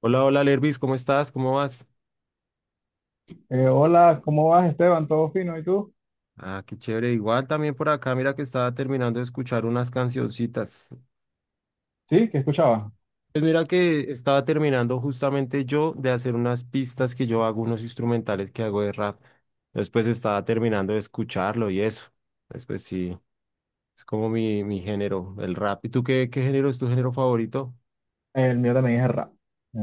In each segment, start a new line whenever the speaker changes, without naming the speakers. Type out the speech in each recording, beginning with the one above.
Hola, hola, Lervis, ¿cómo estás? ¿Cómo vas?
Hola, ¿cómo vas, Esteban? ¿Todo fino? ¿Y tú?
Ah, qué chévere. Igual también por acá, mira que estaba terminando de escuchar unas cancioncitas.
Sí, ¿qué escuchabas?
Pues mira que estaba terminando justamente yo de hacer unas pistas que yo hago, unos instrumentales que hago de rap. Después estaba terminando de escucharlo y eso. Después sí, es como mi género, el rap. ¿Y tú qué, qué género es tu género favorito?
El mío también es el rap.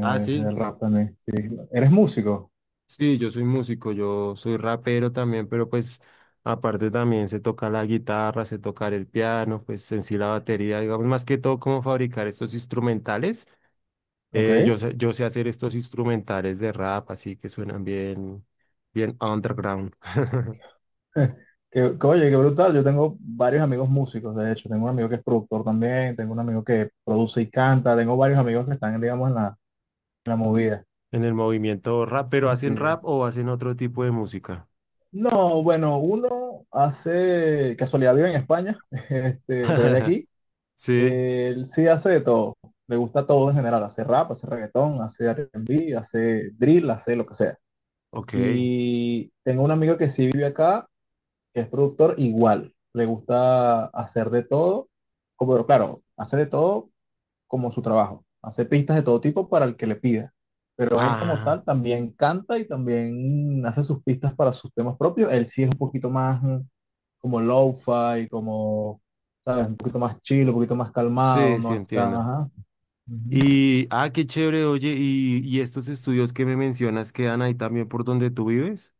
Ah,
es
sí.
el rap también, sí. ¿Eres músico?
Sí, yo soy músico, yo soy rapero también, pero pues aparte también se toca la guitarra, se tocar el piano, pues en sí la batería, digamos, más que todo cómo fabricar estos instrumentales.
Ok.
Yo sé hacer estos instrumentales de rap, así que suenan bien, bien underground.
Oye, qué brutal. Yo tengo varios amigos músicos, de hecho. Tengo un amigo que es productor también, tengo un amigo que produce y canta, tengo varios amigos que están, digamos, en la movida.
En el movimiento rap, pero
Sí.
¿hacen rap o hacen otro tipo de música?
No, bueno, uno hace casualidad vive en España, este, pero es de aquí.
Sí,
Él sí hace de todo, le gusta todo en general, hace rap, hace reggaetón, hace R&B, hace drill, hace lo que sea.
ok.
Y tengo un amigo que sí vive acá, que es productor igual, le gusta hacer de todo, como claro, hace de todo como su trabajo, hace pistas de todo tipo para el que le pida. Pero él como
Ah,
tal también canta y también hace sus pistas para sus temas propios. Él sí es un poquito más como lo-fi, como, ¿sabes? Un poquito más chill, un poquito más calmado,
sí, sí
no está,
entiendo.
ajá. Ujú.
Qué chévere, oye, y estos estudios que me mencionas quedan ahí también por donde tú vives.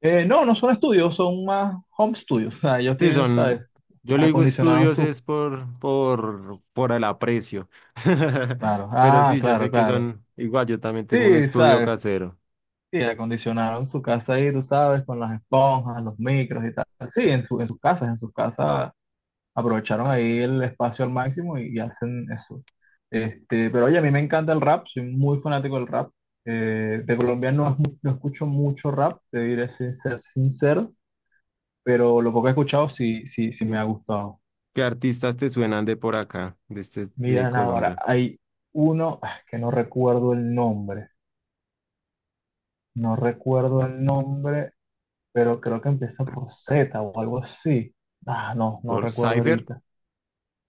No, no son estudios, son más home studios, o sea, ellos
Sí,
tienen, ¿sabes?
son, yo le digo
Acondicionaron
estudios
su,
es por el aprecio.
claro,
Pero
ah,
sí, yo sé
claro,
que
claro.
son, igual yo también tengo un
Sí,
estudio
¿sabes?
casero.
Sí, acondicionaron su casa ahí, tú sabes, con las esponjas, los micros y tal. Sí, en su, en sus casas aprovecharon ahí el espacio al máximo y hacen eso. Pero oye, a mí me encanta el rap, soy muy fanático del rap. De Colombia no, no escucho mucho rap, te diré sin ser sincero, pero lo poco que he escuchado sí, sí, sí me ha gustado.
¿Qué artistas te suenan de por acá, de este, de
Miren ahora,
Colombia?
hay uno que no recuerdo el nombre, no recuerdo el nombre, pero creo que empieza por Z o algo así. Ah, no, no
Por
recuerdo
Cypher,
ahorita.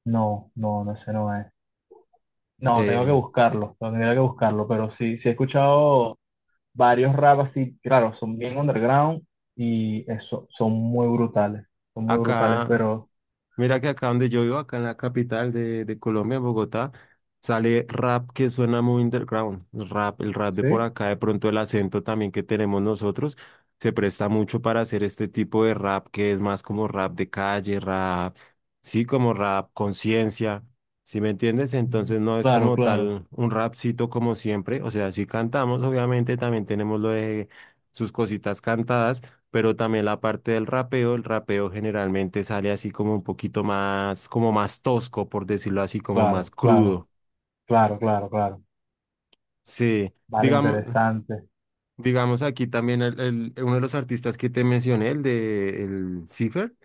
No, no, no, ese no es. No, tengo que
eh,
buscarlo, no, tendría que buscarlo, pero sí, sí he escuchado varios rap así, claro, son bien underground y eso, son muy brutales,
acá.
pero
Mira que acá donde yo vivo, acá en la capital de Colombia, en Bogotá, sale rap que suena muy underground. Rap, el rap de por
sí.
acá, de pronto el acento también que tenemos nosotros, se presta mucho para hacer este tipo de rap que es más como rap de calle, rap, sí, como rap conciencia, ¿sí me entiendes?
Mm,
Entonces no es
claro,
como
claro,
tal un rapcito como siempre, o sea, sí cantamos, obviamente también tenemos lo de sus cositas cantadas pero también la parte del rapeo, el rapeo generalmente sale así como un poquito más, como más tosco, por decirlo así, como más
claro, claro,
crudo.
claro, claro, claro,
Sí,
vale,
digamos,
interesante,
digamos aquí también uno de los artistas que te mencioné, el de el Cipher,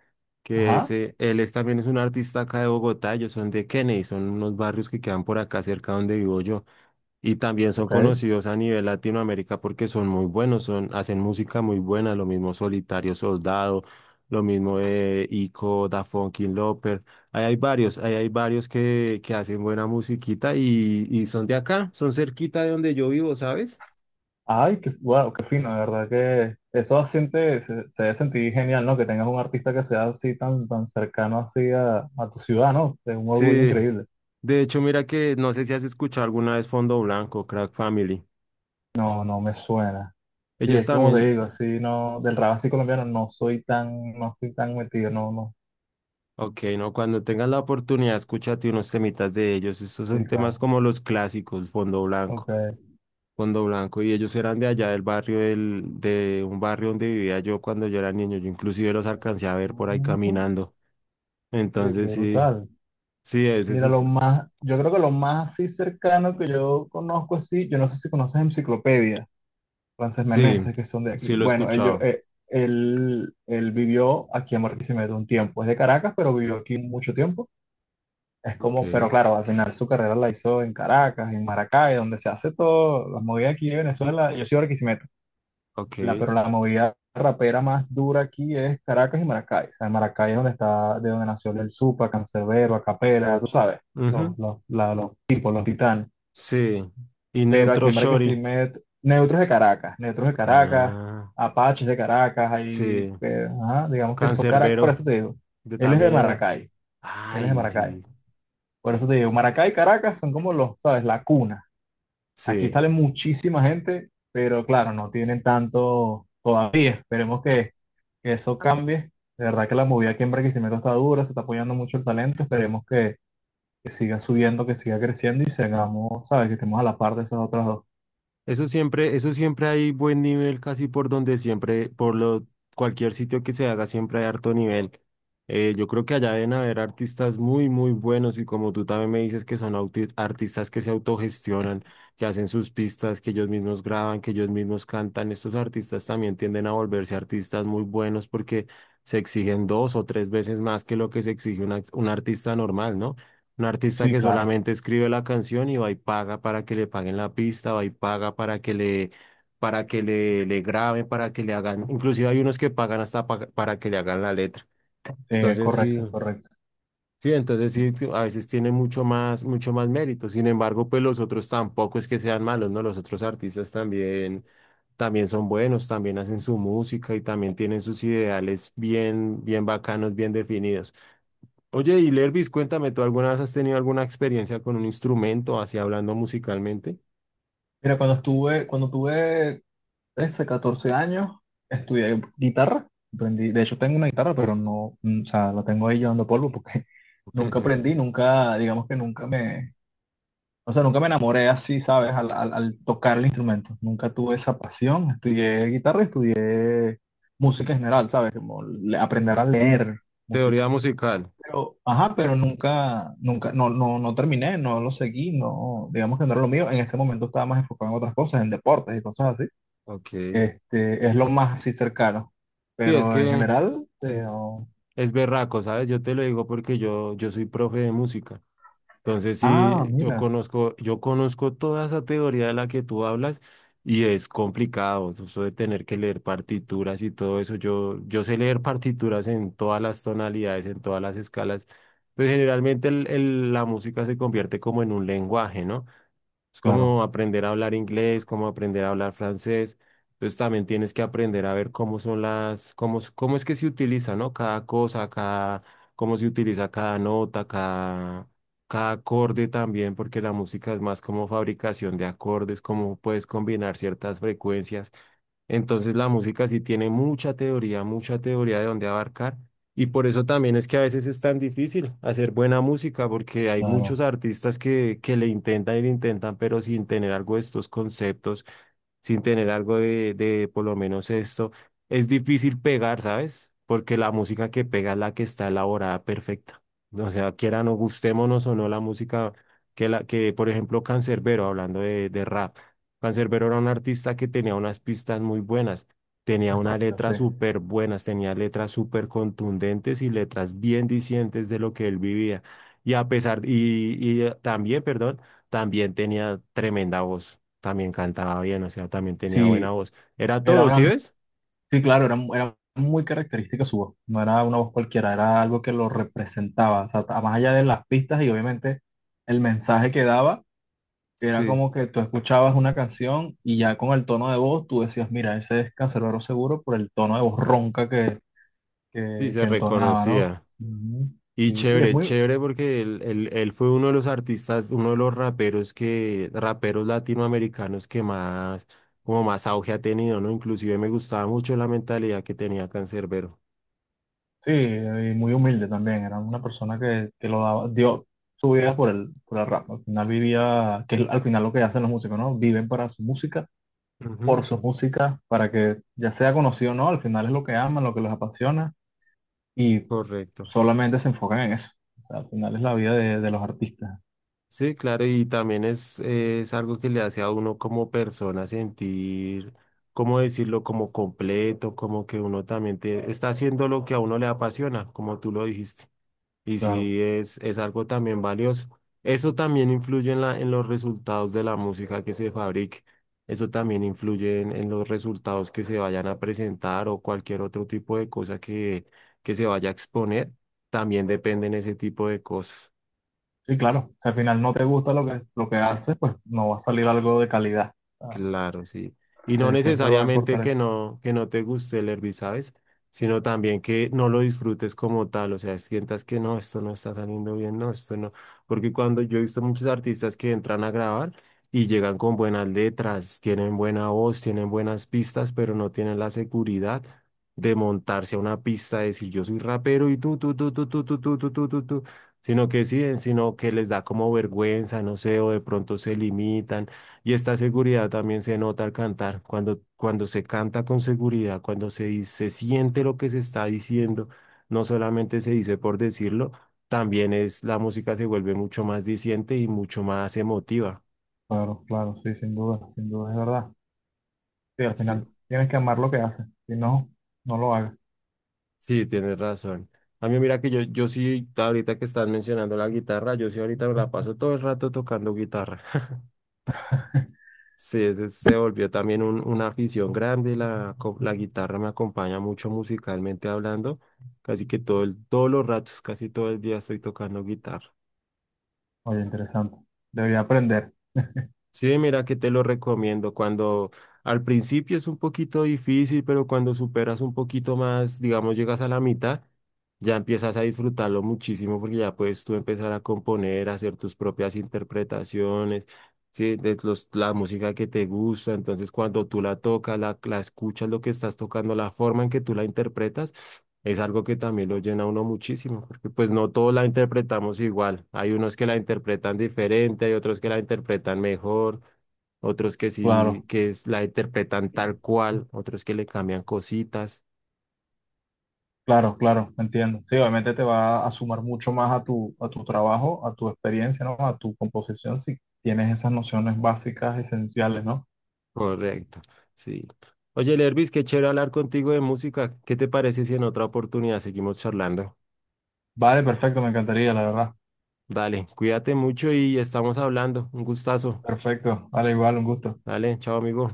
que es,
ajá,
él es, también es un artista acá de Bogotá, ellos son de Kennedy, son unos barrios que quedan por acá cerca donde vivo yo. Y también son
ok,
conocidos a nivel Latinoamérica porque son muy buenos, son, hacen música muy buena, lo mismo Solitario Soldado, lo mismo Ico, Da Funky Loper. Ahí hay varios que hacen buena musiquita y son de acá, son cerquita de donde yo vivo, ¿sabes?
ay, qué, wow, qué fino, de verdad que eso siente, se debe sentir genial, ¿no? Que tengas un artista que sea así tan, tan cercano así a tu ciudad, ¿no? Es un orgullo
Sí,
increíble.
de hecho, mira que no sé si has escuchado alguna vez Fondo Blanco, Crack Family.
No, no me suena. Sí,
Ellos
es que como te
también,
digo, sí, no, del rap así colombiano no soy tan, no estoy tan metido, no, no.
ok, no, cuando tengas la oportunidad, escúchate unos temitas de ellos. Estos
Sí,
son temas
claro.
como los clásicos, Fondo Blanco.
Ok.
Fondo Blanco y ellos eran de allá del barrio del, de un barrio donde vivía yo cuando yo era niño. Yo inclusive los alcancé a ver por ahí
Ujú.
caminando.
Sí, qué
Entonces sí,
brutal.
sí, es eso.
Mira, yo creo que lo más así cercano que yo conozco así, yo no sé si conoces Enciclopedia, Frances
Sí,
Meneses, que son de aquí.
sí lo he
Bueno, ellos,
escuchado.
eh, él, él vivió aquí en Barquisimeto un tiempo, es de Caracas, pero vivió aquí mucho tiempo. Es como, pero
Ok.
claro, al final su carrera la hizo en Caracas, en Maracay, donde se hace todo, las movidas aquí de Venezuela, yo soy de Barquisimeto. La,
Ok.
pero la movida rapera más dura aquí es Caracas y Maracay. O sea, Maracay es donde está, de donde nació el Supa, Cancerbero, Acapela, tú sabes,
Ujú,
los tipos, los titanes.
sí. Y
Pero aquí
Neutro
en
Shorty.
Barquisimeto, Neutros de Caracas,
Ah,
Apaches de Caracas,
sí.
ahí, ajá, digamos que son Caracas, por
Cancerbero,
eso te digo.
de
Él es de
también era.
Maracay, él es de
Ay,
Maracay.
sí.
Por eso te digo, Maracay y Caracas son como los, ¿sabes? La cuna. Aquí
Sí.
sale muchísima gente, pero claro, no tienen tanto todavía. Esperemos que eso cambie. De verdad que la movida aquí en Barquisimeto está dura, se está apoyando mucho el talento. Esperemos que siga subiendo, que siga creciendo y sigamos, ¿sabes? Que estemos a la par de esas otras dos.
Eso siempre hay buen nivel casi por donde siempre, por lo, cualquier sitio que se haga siempre hay harto nivel. Yo creo que allá deben haber artistas muy, muy buenos y como tú también me dices que son artistas que se autogestionan, que hacen sus pistas, que ellos mismos graban, que ellos mismos cantan. Estos artistas también tienden a volverse artistas muy buenos porque se exigen dos o tres veces más que lo que se exige un un artista normal, ¿no? Un artista
Sí,
que
claro.
solamente escribe la canción y va y paga para que le paguen la pista, va y paga para que le graben, para que le hagan, inclusive hay unos que pagan hasta para que le hagan la letra.
Eh,
Entonces sí,
correcto, correcto.
sí, entonces sí, a veces tiene mucho más mérito. Sin embargo, pues los otros tampoco es que sean malos, ¿no? Los otros artistas también, también son buenos, también hacen su música y también tienen sus ideales bien, bien bacanos, bien definidos. Oye, y Lervis, cuéntame, ¿tú alguna vez has tenido alguna experiencia con un instrumento, así hablando musicalmente?
Mira, cuando tuve 13, 14 años, estudié guitarra. Aprendí, de hecho, tengo una guitarra, pero no, o sea, la tengo ahí llevando polvo porque nunca aprendí, nunca, digamos que nunca me. O sea, nunca me enamoré así, ¿sabes? Al tocar el instrumento. Nunca tuve esa pasión. Estudié guitarra, estudié música en general, ¿sabes? Aprender a leer
Teoría
música.
musical.
Pero, ajá, pero nunca, nunca, no, no, no terminé, no lo seguí, no, digamos que no era lo mío. En ese momento estaba más enfocado en otras cosas, en deportes y cosas así.
Ok. Sí,
Es lo más así cercano.
es
Pero en
que
general, no.
es berraco, ¿sabes? Yo te lo digo porque yo soy profe de música. Entonces, sí,
Ah, mira,
yo conozco toda esa teoría de la que tú hablas y es complicado, eso de tener que leer partituras y todo eso. Yo sé leer partituras en todas las tonalidades, en todas las escalas, pues generalmente la música se convierte como en un lenguaje, ¿no? Es como
claro,
aprender a hablar inglés, como aprender a hablar francés. Entonces también tienes que aprender a ver cómo son las, cómo, cómo es que se utiliza, ¿no? Cada cosa, cada, cómo se utiliza cada nota, cada acorde también, porque la música es más como fabricación de acordes, cómo puedes combinar ciertas frecuencias. Entonces la música sí tiene mucha teoría de dónde abarcar. Y por eso también es que a veces es tan difícil hacer buena música, porque hay muchos
claro,
artistas que le intentan y le intentan, pero sin tener algo de estos conceptos sin tener algo de por lo menos esto, es difícil pegar, ¿sabes? Porque la música que pega es la que está elaborada perfecta. O sea, quiera o gustémonos o no la música que, la, que por ejemplo, Canserbero, hablando de rap, Canserbero era un artista que tenía unas pistas muy buenas, tenía
es
unas
correcto,
letras
sí.
súper buenas, tenía letras súper contundentes y letras bien dicientes de lo que él vivía. Y a pesar, y También, perdón, también tenía tremenda voz también cantaba bien, o sea, también tenía buena
Sí,
voz. Era
era
todo, ¿sí
una.
ves?
Sí, claro, era, muy característica su voz, no era una voz cualquiera, era algo que lo representaba, o sea, más allá de las pistas y obviamente el mensaje que daba, era
Sí.
como que tú escuchabas una canción y ya con el tono de voz tú decías, mira, ese es Canserbero seguro por el tono de voz ronca que,
Sí,
que,
se
que entonaba, ¿no?
reconocía.
Ujú.
Y
Y sí, es
chévere,
muy,
chévere porque él fue uno de los artistas, uno de los raperos que, raperos latinoamericanos que más, como más auge ha tenido, ¿no? Inclusive me gustaba mucho la mentalidad que tenía Cancerbero.
sí, y muy humilde también, era una persona que lo daba, dio su vida por el rap, al final vivía, que es al final lo que hacen los músicos, ¿no? Viven para su música por
Ujú,
su música para que ya sea conocido o no, al final es lo que aman, lo que les apasiona y
correcto.
solamente se enfocan en eso. O sea, al final es la vida de los artistas,
Sí, claro, y también es algo que le hace a uno como persona sentir, ¿cómo decirlo?, como completo, como que uno también está haciendo lo que a uno le apasiona, como tú lo dijiste. Y
claro.
sí, es algo también valioso. Eso también influye en la, en los resultados de la música que se fabrique. Eso también influye en los resultados que se vayan a presentar o cualquier otro tipo de cosa que se vaya a exponer. También dependen ese tipo de cosas.
Sí, claro. Si al final no te gusta lo que haces, pues no va a salir algo de calidad. O
Claro, sí. Y no
sea, siempre va a
necesariamente
importar eso.
que no te guste el hervir, ¿sabes? Sino también que no lo disfrutes como tal, o sea, sientas que no, esto no está saliendo bien, no, esto no. Porque cuando yo he visto muchos artistas que entran a grabar y llegan con buenas letras, tienen buena voz, tienen buenas pistas, pero no tienen la seguridad de montarse a una pista, de decir yo soy rapero y tú", sino que sí, sino que les da como vergüenza, no sé, o de pronto se limitan y esta seguridad también se nota al cantar, cuando, cuando se canta con seguridad, cuando se, se siente lo que se está diciendo, no solamente se dice por decirlo, también es la música se vuelve mucho más diciente y mucho más emotiva.
Claro, claro, sí, sin duda, sin duda, es verdad. Sí, al
Sí,
final tienes que amar lo que haces. Si no, no lo hagas.
sí, tienes razón. A mí mira que yo sí, ahorita que estás mencionando la guitarra, yo sí ahorita me la paso todo el rato tocando guitarra. Sí, ese se volvió también una afición grande. La guitarra me acompaña mucho musicalmente hablando. Casi que todo el, todos los ratos, casi todo el día estoy tocando guitarra.
Oye, interesante. Debería aprender.
Sí, mira que te lo recomiendo. Cuando al principio es un poquito difícil, pero cuando superas un poquito más, digamos, llegas a la mitad, ya empiezas a disfrutarlo muchísimo porque ya puedes tú empezar a componer, a hacer tus propias interpretaciones, sí, de los, la música que te gusta. Entonces, cuando tú la tocas, la escuchas, lo que estás tocando, la forma en que tú la interpretas es algo que también lo llena a uno muchísimo, porque pues no todos la interpretamos igual. Hay unos que la interpretan diferente, hay otros que la interpretan mejor, otros que sí,
Claro.
la interpretan tal cual, otros que le cambian cositas.
Claro, claro, entiendo. Sí, obviamente te va a sumar mucho más a tu trabajo, a tu experiencia, ¿no? A tu composición, si tienes esas nociones básicas, esenciales, ¿no?
Correcto, sí. Oye, Lervis, qué chévere hablar contigo de música. ¿Qué te parece si en otra oportunidad seguimos charlando?
Vale, perfecto, me encantaría, la verdad.
Dale, cuídate mucho y estamos hablando. Un gustazo.
Perfecto, vale, igual, un gusto.
Dale, chao, amigo.